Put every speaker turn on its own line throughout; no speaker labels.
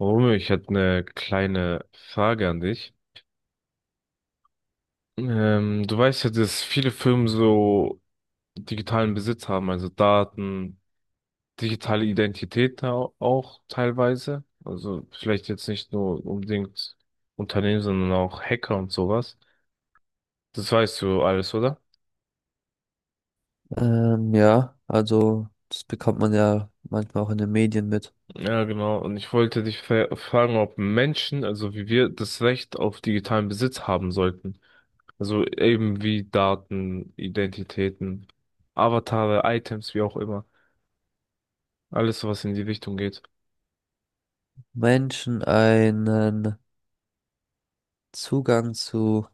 Romeo, ich hätte eine kleine Frage an dich. Du weißt ja, dass viele Firmen so digitalen Besitz haben, also Daten, digitale Identität auch teilweise. Also vielleicht jetzt nicht nur unbedingt Unternehmen, sondern auch Hacker und sowas. Das weißt du alles, oder?
Ja, also das bekommt man ja manchmal auch in den Medien mit.
Ja, genau. Und ich wollte dich fragen, ob Menschen, also wie wir, das Recht auf digitalen Besitz haben sollten. Also eben wie Daten, Identitäten, Avatare, Items, wie auch immer. Alles, was in die Richtung geht.
Menschen einen Zugang zu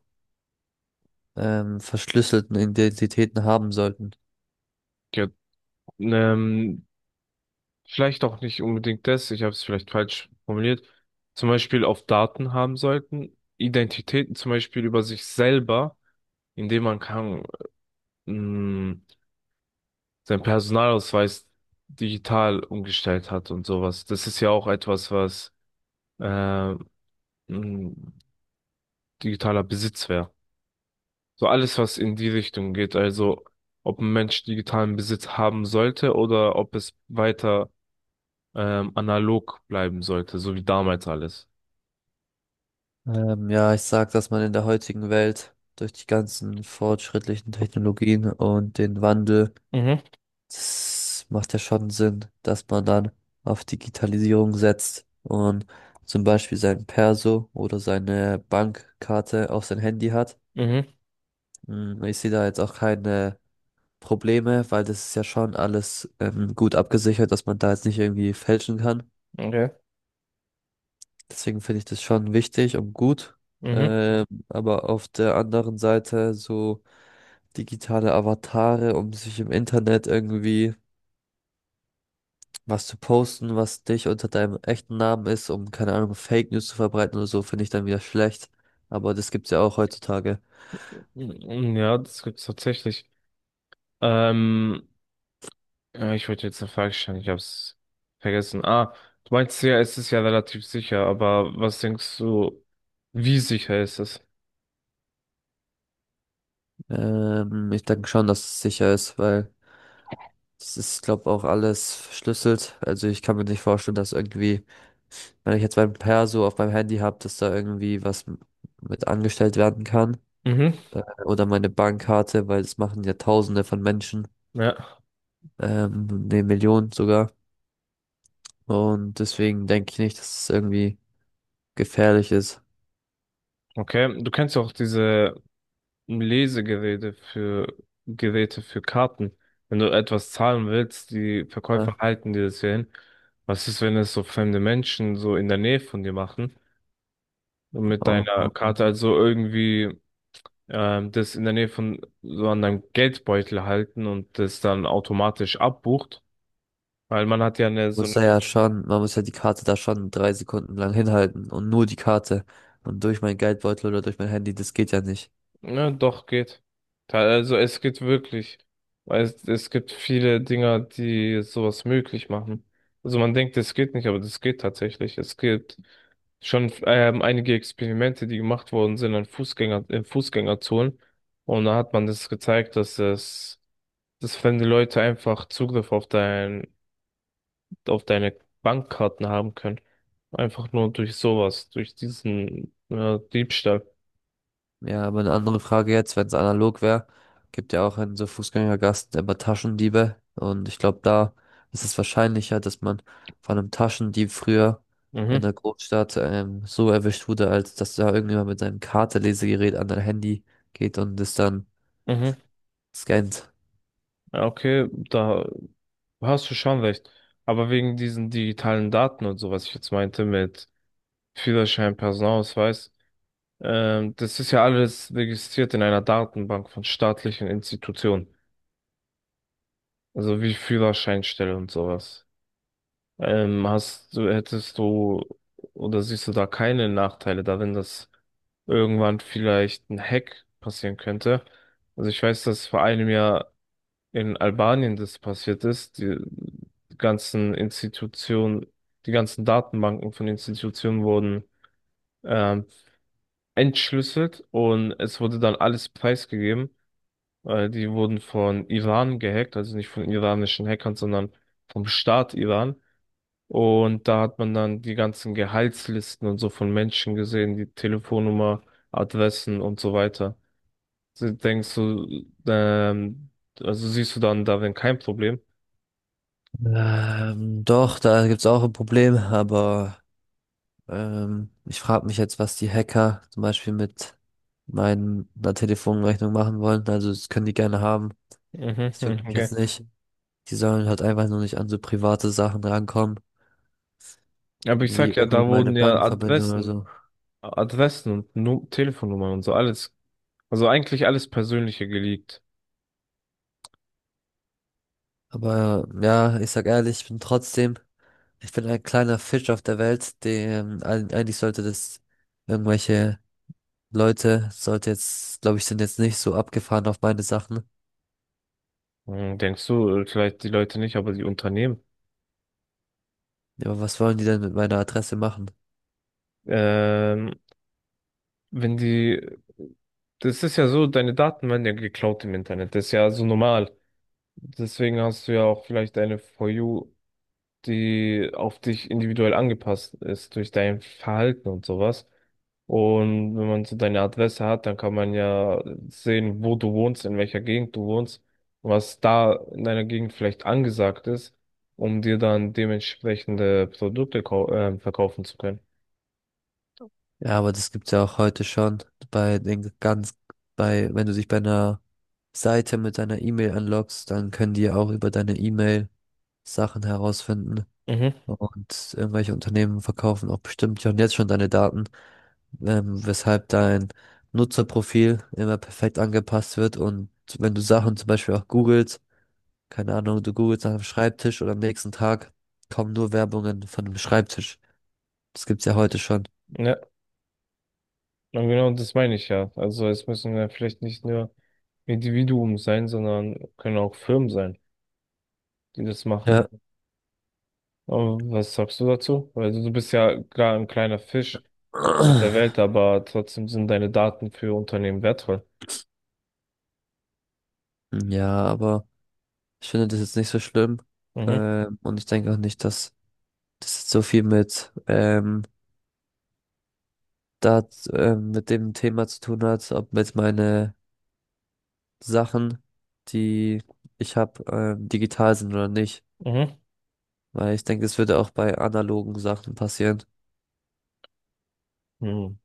verschlüsselten Identitäten haben sollten.
Ja, ähm, vielleicht auch nicht unbedingt das, ich habe es vielleicht falsch formuliert. Zum Beispiel auf Daten haben sollten, Identitäten zum Beispiel über sich selber, indem man kann, mh, seinen Personalausweis digital umgestellt hat und sowas. Das ist ja auch etwas, was äh, ein digitaler Besitz wäre. So alles, was in die Richtung geht, also ob ein Mensch digitalen Besitz haben sollte oder ob es weiter analog bleiben sollte, so wie damals alles.
Ja, ich sag, dass man in der heutigen Welt durch die ganzen fortschrittlichen Technologien und den Wandel,
Mhm,
das macht ja schon Sinn, dass man dann auf Digitalisierung setzt und zum Beispiel sein Perso oder seine Bankkarte auf sein Handy hat.
mhm,
Ich sehe da jetzt auch keine Probleme, weil das ist ja schon alles gut abgesichert, dass man da jetzt nicht irgendwie fälschen kann.
okay.
Deswegen finde ich das schon wichtig und gut.
Mhm.
Aber auf der anderen Seite so digitale Avatare, um sich im Internet irgendwie was zu posten, was dich unter deinem echten Namen ist, um keine Ahnung, Fake News zu verbreiten oder so, finde ich dann wieder schlecht. Aber das gibt's ja auch heutzutage.
Mm, ja, das gibt's tatsächlich. Ähm, Ich wollte jetzt eine Frage stellen, ich hab's vergessen. Ah, du meinst ja, es ist ja relativ sicher, aber was denkst du, wie sicher ist es?
Ich denke schon, dass es sicher ist, weil das ist, glaube auch alles verschlüsselt. Also ich kann mir nicht vorstellen, dass irgendwie, wenn ich jetzt mein Perso auf meinem Handy habe, dass da irgendwie was mit angestellt werden kann,
Mhm.
oder meine Bankkarte, weil das machen ja Tausende von Menschen,
Ja,
ne, Millionen sogar. Und deswegen denke ich nicht, dass es irgendwie gefährlich ist.
okay. Du kennst ja auch diese Lesegeräte für Geräte für Karten. Wenn du etwas zahlen willst, die
Ne?
Verkäufer halten dir das ja hin. Was ist, wenn es so fremde Menschen so in der Nähe von dir machen? Und mit
Oh,
deiner
oh, oh.
Karte
Man
also irgendwie das in der Nähe von so an deinem Geldbeutel halten und das dann automatisch abbucht. Weil man hat ja eine, so.
muss da ja schon, man muss ja die Karte da schon 3 Sekunden lang hinhalten und nur die Karte. Und durch meinen Geldbeutel oder durch mein Handy, das geht ja nicht.
Ja, doch, geht. Also es geht wirklich. Weil es gibt viele Dinger, die sowas möglich machen. Also man denkt, es geht nicht, aber das geht tatsächlich. Es gibt schon einige Experimente, die gemacht worden sind an Fußgänger, in Fußgängerzonen. Und da hat man das gezeigt, dass es, dass wenn die Leute einfach Zugriff auf auf deine Bankkarten haben können. Einfach nur durch sowas, durch diesen Diebstahl.
Ja, aber eine andere Frage jetzt, wenn es analog wäre, gibt ja auch in so Fußgängergassen immer Taschendiebe. Und ich glaube, da ist es wahrscheinlicher, dass man von einem Taschendieb früher in
Mhm,
der Großstadt so erwischt wurde, als dass da irgendjemand mit seinem Kartenlesegerät an dein Handy geht und es dann
mhm.
scannt.
Ja, okay, da hast du schon recht. Aber wegen diesen digitalen Daten und so, was ich jetzt meinte mit Führerschein, Personalausweis, das ist ja alles registriert in einer Datenbank von staatlichen Institutionen. Also wie Führerscheinstelle und sowas. Hättest du oder siehst du da keine Nachteile darin, dass irgendwann vielleicht ein Hack passieren könnte? Also ich weiß, dass vor einem Jahr in Albanien das passiert ist, ganzen Institutionen, die ganzen Datenbanken von Institutionen wurden ähm, entschlüsselt und es wurde dann alles preisgegeben. Die wurden von Iran gehackt, also nicht von iranischen Hackern, sondern vom Staat Iran. Und da hat man dann die ganzen Gehaltslisten und so von Menschen gesehen, die Telefonnummer, Adressen und so weiter. Also Denkst du, ähm, also siehst du dann darin kein Problem?
Doch, da gibt's auch ein Problem, aber ich frage mich jetzt, was die Hacker zum Beispiel mit meiner Telefonrechnung machen wollen. Also das können die gerne haben.
Mhm,
Das juckt
mhm,
mich
okay.
jetzt nicht. Die sollen halt einfach nur nicht an so private Sachen rankommen,
Aber ich
wie
sag ja,
irgendwie
da
meine
wurden ja
Bankverbindung oder
Adressen,
so.
Adressen und Nu Telefonnummern und so alles, also eigentlich alles Persönliche geleakt.
Aber ja, ich sag ehrlich, ich bin trotzdem, ich bin ein kleiner Fisch auf der Welt, dem eigentlich sollte das irgendwelche Leute, sollte jetzt, glaube ich, sind jetzt nicht so abgefahren auf meine Sachen.
Hm, denkst du, vielleicht die Leute nicht, aber die Unternehmen.
Ja, aber was wollen die denn mit meiner Adresse machen?
Ähm, wenn die, Das ist ja so, deine Daten werden ja geklaut im Internet, das ist ja so normal. Deswegen hast du ja auch vielleicht eine For You, die auf dich individuell angepasst ist durch dein Verhalten und sowas. Und wenn man so deine Adresse hat, dann kann man ja sehen, wo du wohnst, in welcher Gegend du wohnst, was da in deiner Gegend vielleicht angesagt ist, um dir dann dementsprechende Produkte verkaufen zu können.
Ja, aber das gibt's ja auch heute schon bei den ganz, bei, wenn du dich bei einer Seite mit deiner E-Mail anloggst, dann können die ja auch über deine E-Mail Sachen herausfinden.
Mhm.
Und irgendwelche Unternehmen verkaufen auch bestimmt ja und jetzt schon deine Daten, weshalb dein Nutzerprofil immer perfekt angepasst wird. Und wenn du Sachen zum Beispiel auch googelst, keine Ahnung, du googelst nach einem Schreibtisch und am nächsten Tag kommen nur Werbungen von einem Schreibtisch. Das gibt's ja heute schon.
Ja, und genau das meine ich ja. Also es müssen ja vielleicht nicht nur Individuen sein, sondern können auch Firmen sein, die das machen.
Ja.
Aber was sagst du dazu? Also du bist ja klar ein kleiner Fisch auf der Welt, aber trotzdem sind deine Daten für Unternehmen wertvoll.
Ja, aber ich finde das jetzt nicht so schlimm.
Mhm,
Und ich denke auch nicht, dass das jetzt so viel mit da mit dem Thema zu tun hat, ob jetzt meine Sachen, die ich habe, digital sind oder nicht.
mhm,
Weil ich denke, es würde auch bei analogen Sachen passieren.
mhm.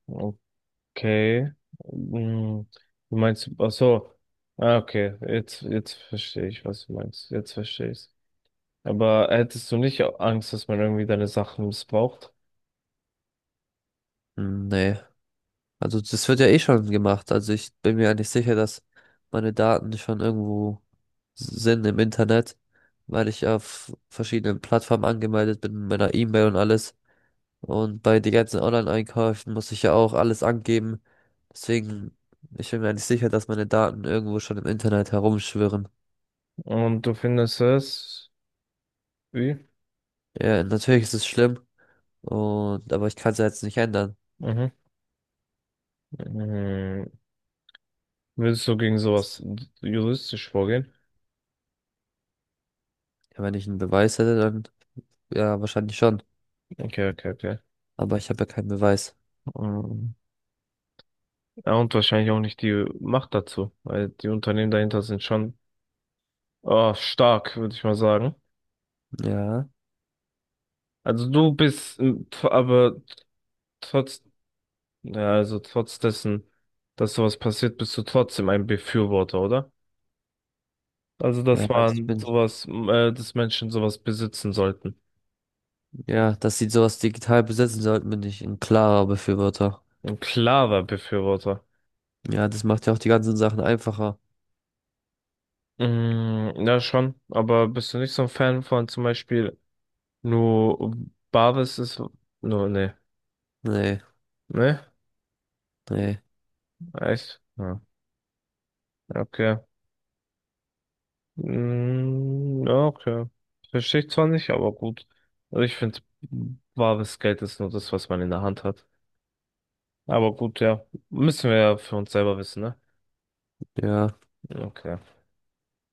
Okay. Mhm. Du meinst, ach so, ah, okay, jetzt verstehe ich, was du meinst. Jetzt verstehe ich's. Aber hättest du nicht Angst, dass man irgendwie deine Sachen missbraucht?
Hm, nee. Also das wird ja eh schon gemacht. Also ich bin mir eigentlich sicher, dass meine Daten schon irgendwo sind im Internet, weil ich auf verschiedenen Plattformen angemeldet bin, mit meiner E-Mail und alles. Und bei den ganzen Online-Einkäufen muss ich ja auch alles angeben. Deswegen, ich bin mir nicht sicher, dass meine Daten irgendwo schon im Internet herumschwirren.
Und du findest es, wie?
Ja, natürlich ist es schlimm. Und, aber ich kann es ja jetzt nicht ändern.
Mhm. Mhm. Würdest du gegen sowas juristisch vorgehen?
Ja, wenn ich einen Beweis hätte, dann ja, wahrscheinlich schon.
Okay, okay, okay.
Aber ich habe ja keinen Beweis.
Mhm. Ja, und wahrscheinlich auch nicht die Macht dazu, weil die Unternehmen dahinter sind schon, oh, stark, würde ich mal sagen.
Ja,
Also du bist trotz, ja, also trotz dessen, dass sowas passiert, bist du trotzdem ein Befürworter, oder? Also,
ja, also ich bin,
dass Menschen sowas besitzen sollten.
ja, dass sie sowas digital besitzen sollten, bin ich ein klarer Befürworter.
Ein klarer Befürworter.
Ja, das macht ja auch die ganzen Sachen einfacher.
Mm, ja, schon, aber bist du nicht so ein Fan von zum Beispiel nur Barvis ist, nur, nee,
Nee,
ne?
nee,
Echt? Ja, okay. Mm, ja, okay. Verstehe ich zwar nicht, aber gut. Also ich finde, wahres Geld ist nur das, was man in der Hand hat. Aber gut, ja. Müssen wir ja für uns selber wissen, ne?
ja.
Okay.